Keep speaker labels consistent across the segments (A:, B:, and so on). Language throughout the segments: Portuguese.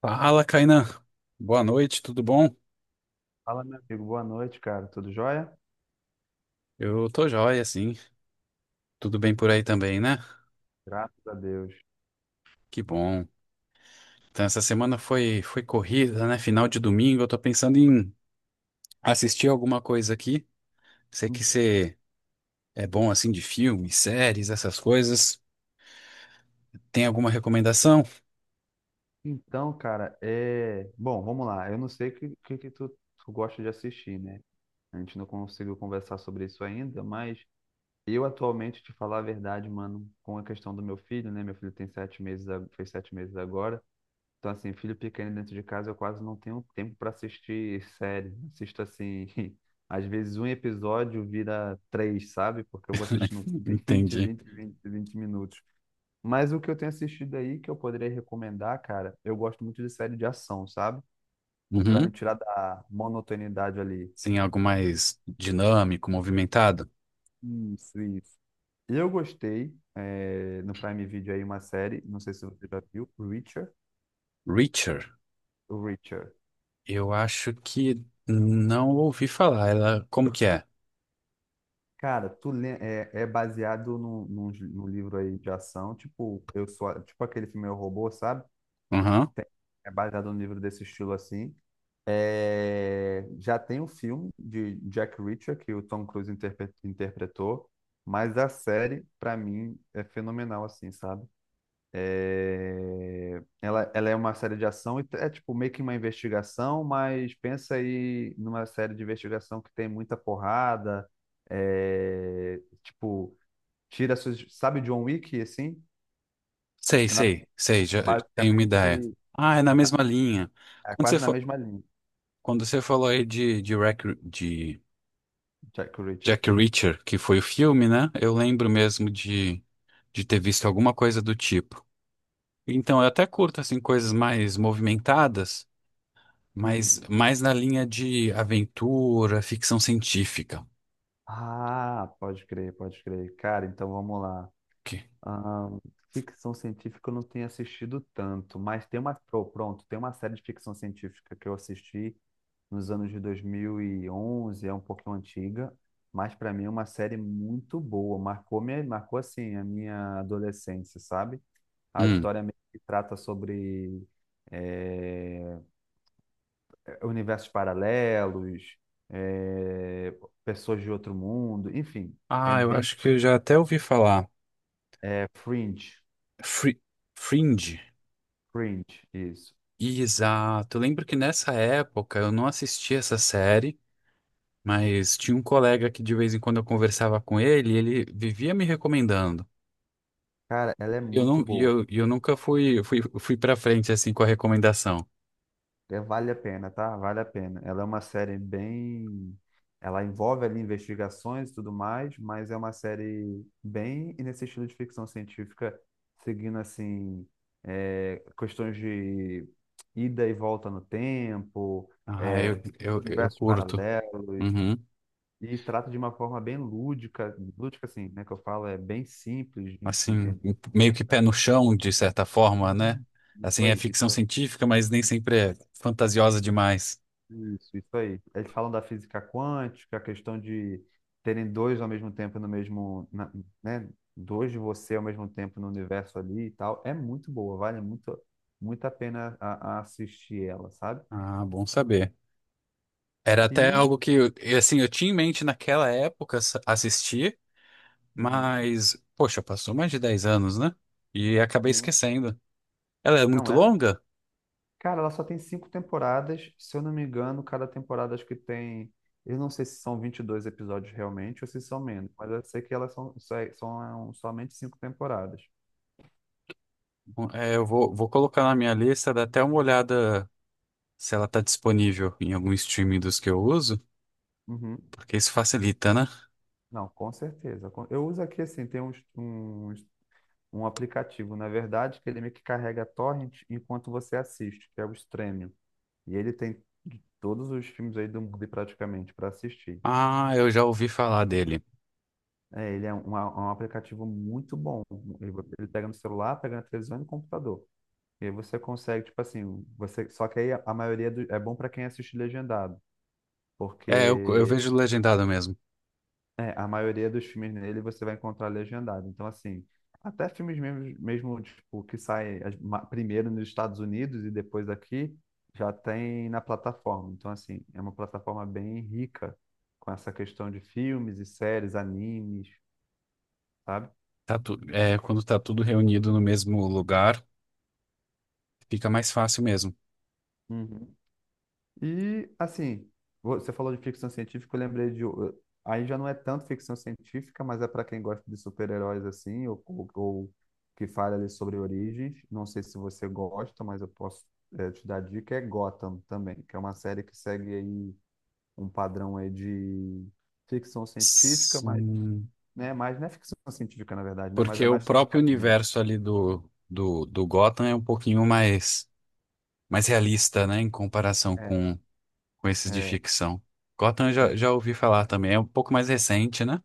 A: Fala, Kainan. Boa noite, tudo bom?
B: Fala, meu amigo. Boa noite, cara. Tudo jóia?
A: Eu tô joia, sim. Tudo bem por aí também, né?
B: Graças a Deus.
A: Que bom. Então, essa semana foi corrida, né? Final de domingo. Eu tô pensando em assistir alguma coisa aqui. Sei que
B: Uhum.
A: você é bom, assim, de filmes, séries, essas coisas. Tem alguma recomendação?
B: Então, cara, bom, vamos lá. Eu não sei o que tu, gosta de assistir, né? A gente não conseguiu conversar sobre isso ainda, mas eu, atualmente, te falar a verdade, mano, com a questão do meu filho, né? Meu filho tem 7 meses, fez 7 meses agora. Então, assim, filho pequeno dentro de casa, eu quase não tenho tempo para assistir série. Assisto, assim, às vezes um episódio vira três, sabe? Porque eu vou assistindo
A: Entendi.
B: 20 minutos. Mas o que eu tenho assistido aí que eu poderia recomendar, cara, eu gosto muito de série de ação, sabe? Pra me
A: Uhum.
B: tirar da monotonidade ali.
A: Sim, algo mais dinâmico, movimentado.
B: Isso, isso. Eu gostei, é, no Prime Video aí, uma série, não sei se você já viu, Reacher.
A: Reacher,
B: Reacher.
A: eu acho que não ouvi falar. Ela, como que é?
B: Cara, tu lê, é, baseado num livro aí de ação, tipo, eu sou, tipo aquele filme Eu, Robô, sabe?
A: Uhum.
B: É baseado num livro desse estilo assim. É, já tem um filme de Jack Reacher que o Tom Cruise interpretou, mas a série, para mim, é fenomenal, assim, sabe? É, ela é uma série de ação e é tipo meio que uma investigação, mas pensa aí numa série de investigação que tem muita porrada, é, tipo, tira suas, sabe John Wick, assim?
A: Sei,
B: Ela
A: sei, sei, já tenho uma
B: basicamente
A: ideia. Ah, é na mesma linha.
B: é
A: Quando você,
B: quase na
A: fa-
B: mesma linha,
A: Quando você falou aí de
B: Jack Reacher.
A: Jack Reacher, que foi o filme, né? Eu lembro de ter visto alguma coisa do tipo. Então, eu até curto, assim, coisas mais movimentadas,
B: Uhum.
A: mas mais na linha de aventura, ficção científica.
B: Ah, pode crer, pode crer. Cara, então vamos lá.
A: Que-
B: Ahn, ficção científica eu não tenho assistido tanto, mas tem uma, pô, pronto, tem uma série de ficção científica que eu assisti nos anos de 2011. É um pouquinho antiga, mas para mim é uma série muito boa, marcou assim a minha adolescência, sabe? A
A: Hum.
B: história meio que trata sobre eh, universos paralelos, eh, pessoas de outro mundo, enfim, é
A: Ah, eu
B: bem.
A: acho que eu já até ouvi falar.
B: É Fringe.
A: Fri- Fringe.
B: Fringe, isso.
A: Exato. Eu lembro que nessa época eu não assisti essa série, mas tinha um colega que de vez em quando eu conversava com ele, e ele vivia me recomendando.
B: Cara, ela é
A: E eu,
B: muito
A: não,
B: boa.
A: e eu nunca fui para frente assim com a recomendação.
B: É, vale a pena, tá? Vale a pena. Ela é uma série bem. Ela envolve ali investigações e tudo mais, mas é uma série bem nesse estilo de ficção científica, seguindo assim, é, questões de ida e volta no tempo,
A: Ah,
B: é,
A: eu
B: universos
A: curto.
B: paralelos,
A: Uhum.
B: e trata de uma forma bem lúdica, lúdica assim, né? Que eu falo, é bem simples de
A: Assim,
B: entender.
A: meio que pé no chão, de certa forma, né?
B: Hum, Isso
A: Assim, é
B: aí,
A: ficção
B: isso aí,
A: científica, mas nem sempre é fantasiosa demais.
B: isso aí. Eles falam da física quântica, a questão de terem dois ao mesmo tempo no mesmo, né? Dois de você ao mesmo tempo no universo ali e tal. É muito boa, vale muito, muito a pena a assistir ela, sabe?
A: Ah, bom saber. Era até
B: E,
A: algo que assim, eu tinha em mente naquela época assistir.
B: uhum,
A: Mas, poxa, passou mais de 10 anos, né? E acabei
B: sim.
A: esquecendo. Ela é
B: Não,
A: muito
B: ela,
A: longa?
B: cara, ela só tem 5 temporadas, se eu não me engano. Cada temporada, acho que tem, eu não sei se são 22 episódios realmente ou se são menos, mas eu sei que elas somente 5 temporadas.
A: Bom, é, eu vou colocar na minha lista, dar até uma olhada se ela tá disponível em algum streaming dos que eu uso,
B: Uhum.
A: porque isso facilita, né?
B: Não, com certeza. Eu uso aqui, assim, tem um aplicativo, na verdade, que ele meio que carrega torrent enquanto você assiste, que é o Stremio. E ele tem de todos os filmes aí do mundo praticamente para assistir.
A: Ah, eu já ouvi falar dele.
B: É, ele é um aplicativo muito bom. Ele, ele pega no celular, pega na televisão e no computador. E aí você consegue, tipo assim, você, só que aí a maioria é bom para quem assiste legendado,
A: É, eu
B: porque,
A: vejo legendado mesmo.
B: é, a maioria dos filmes nele você vai encontrar legendado. Então, assim, até filmes mesmo tipo, que saem primeiro nos Estados Unidos e depois aqui, já tem na plataforma. Então, assim, é uma plataforma bem rica com essa questão de filmes e séries, animes, sabe?
A: Quando tá tudo reunido no mesmo lugar, fica mais fácil mesmo.
B: Uhum. E, assim, você falou de ficção científica, eu lembrei de. Aí já não é tanto ficção científica, mas é para quem gosta de super-heróis, assim, ou que fala ali sobre origens. Não sei se você gosta, mas eu posso, te dar dica. É Gotham também, que é uma série que segue aí um padrão aí de ficção científica, mas,
A: Sim,
B: né, mas não é ficção científica, na verdade, né? Mas é
A: porque o
B: mais sobre
A: próprio
B: quadrinhos.
A: universo ali do Gotham é um pouquinho mais mais realista, né, em comparação
B: É,
A: com esses de
B: é,
A: ficção. Gotham eu já,
B: é.
A: já ouvi falar também, é um pouco mais recente, né?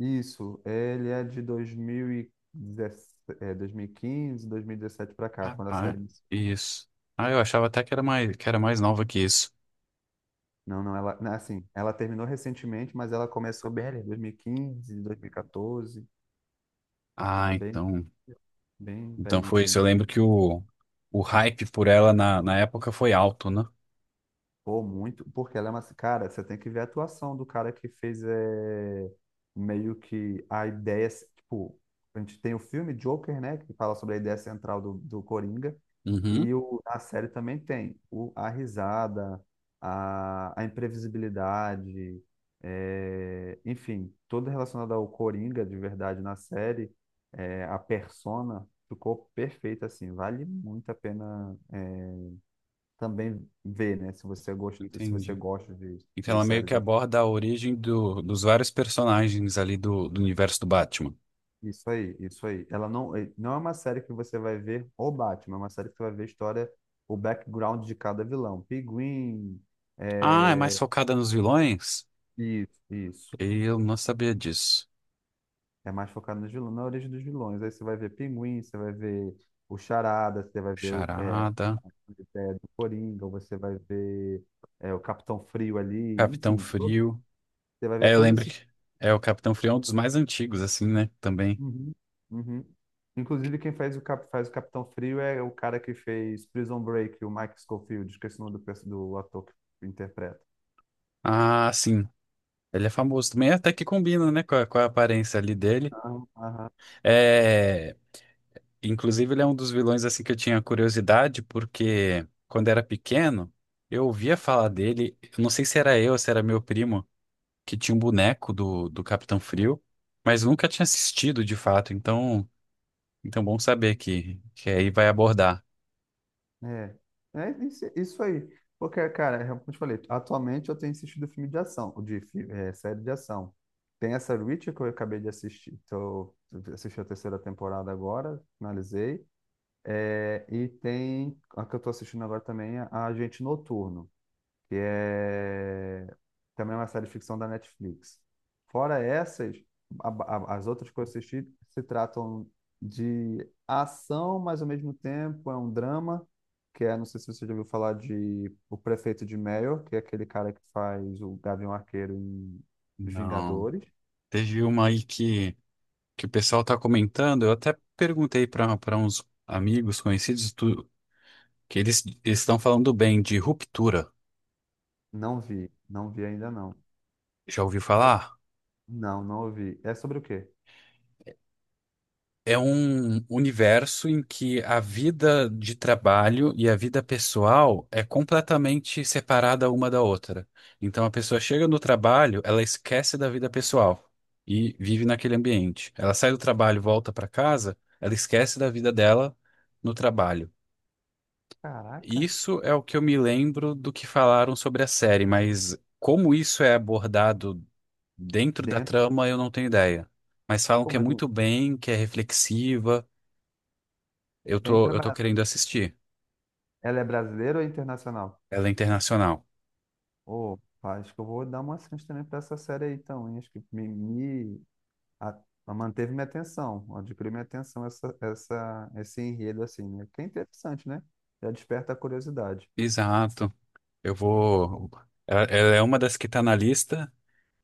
B: Isso, ele é de 2017, é, 2015, 2017 pra cá,
A: Ah,
B: quando a
A: ah,
B: série iniciou.
A: isso. Ah, eu achava até que era mais nova que isso.
B: Não, não, ela. Não, assim, ela terminou recentemente, mas ela começou bem ali, 2015, 2014.
A: Ah,
B: Ela, bem,
A: então,
B: bem
A: então
B: velhinha,
A: foi isso.
B: assim.
A: Eu lembro que o hype por ela na época foi alto, né?
B: Pô, muito. Porque ela é uma. Cara, você tem que ver a atuação do cara que fez, é, meio que a ideia. Tipo, a gente tem o filme Joker, né? Que fala sobre a ideia central do Coringa.
A: Uhum,
B: E na série também tem a risada, a imprevisibilidade, é, enfim, tudo relacionado ao Coringa de verdade na série, é, a persona ficou perfeita, assim, vale muito a pena, é, também ver, né? Se você gosta, se você
A: entendi.
B: gosta de,
A: Então
B: de
A: ela meio que
B: séries assim.
A: aborda a origem do, dos vários personagens ali do universo do Batman.
B: Isso aí, isso aí. Ela não, não é uma série que você vai ver o Batman, é uma série que você vai ver a história, o background de cada vilão. Pinguim.
A: Ah, é mais focada nos vilões?
B: Isso, isso.
A: Eu não sabia disso.
B: É mais focado nos vilões, na origem dos vilões. Aí você vai ver Pinguim, você vai ver o Charada, você vai ver
A: Charada.
B: do Coringa, você vai ver, o Capitão Frio ali,
A: Capitão
B: enfim,
A: Frio.
B: você vai ver
A: É, eu
B: todos
A: lembro
B: esses.
A: que é o Capitão Frio é um dos mais antigos, assim, né? Também.
B: Uhum, uhum. Inclusive, quem faz o Capitão Frio é o cara que fez Prison Break, o Mike Scofield, esqueci o nome do ator que interpreta.
A: Ah, sim. Ele é famoso também, até que combina, né, com com a aparência ali dele.
B: Aham, aham.
A: É, inclusive, ele é um dos vilões, assim, que eu tinha curiosidade, porque quando era pequeno, eu ouvia falar dele. Eu não sei se era eu ou se era meu primo, que tinha um boneco do Capitão Frio, mas nunca tinha assistido de fato. Então, então bom saber que aí vai abordar.
B: É, é isso, isso aí. Porque, cara, é como eu te falei, atualmente eu tenho assistido filme de ação, série de ação. Tem essa Reacher que eu acabei de assistir, assisti a terceira temporada agora, finalizei. É, e tem a que eu tô assistindo agora também, a Agente Noturno, que também é uma série de ficção da Netflix. Fora essas, a- as outras que eu assisti se tratam de ação, mas, ao mesmo tempo, é um drama, que é, não sei se você já ouviu falar de O Prefeito de Mayor, que é aquele cara que faz o Gavião Arqueiro em Os
A: Não.
B: Vingadores.
A: Teve uma aí que o pessoal está comentando, eu até perguntei para uns amigos conhecidos que eles estão falando bem de ruptura.
B: Não vi, não vi ainda não.
A: Já ouviu falar?
B: Não, não ouvi. É sobre o quê?
A: É um universo em que a vida de trabalho e a vida pessoal é completamente separada uma da outra. Então a pessoa chega no trabalho, ela esquece da vida pessoal e vive naquele ambiente. Ela sai do trabalho, volta para casa, ela esquece da vida dela no trabalho.
B: Caraca,
A: Isso é o que eu me lembro do que falaram sobre a série, mas como isso é abordado dentro da
B: dentro.
A: trama, eu não tenho ideia. Mas falam
B: Pô,
A: que é
B: mas
A: muito bem, que é reflexiva. Eu
B: bem
A: tô, eu tô
B: trabalhado.
A: querendo assistir.
B: Ela é brasileira ou é internacional?
A: Ela é internacional.
B: Ô, pá, acho que eu vou dar uma chance também pra essa série aí, então, hein? Acho que me a- manteve minha atenção, adquiriu minha atenção esse enredo, assim, né? Que é interessante, né? Já desperta a curiosidade.
A: Exato. Eu vou. Ela é uma das que tá na lista,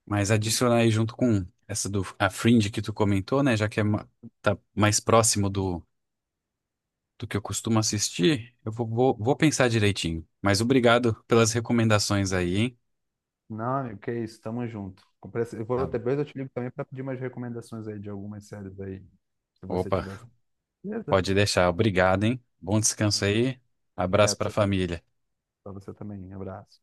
A: mas
B: Uhum.
A: adicionar aí junto com essa do a Fringe que tu comentou, né? Já que é tá mais próximo do que eu costumo assistir, eu vou pensar direitinho. Mas obrigado pelas recomendações aí, hein?
B: Não, amigo, que isso, tamo junto. Eu
A: Tá
B: vou,
A: bom.
B: depois eu te ligo também pra pedir umas recomendações aí de algumas séries aí, se você
A: Opa,
B: tiver. Beleza?
A: pode deixar. Obrigado, hein? Bom descanso aí. Abraço
B: Obrigado,
A: pra família.
B: pra você também. Abraço.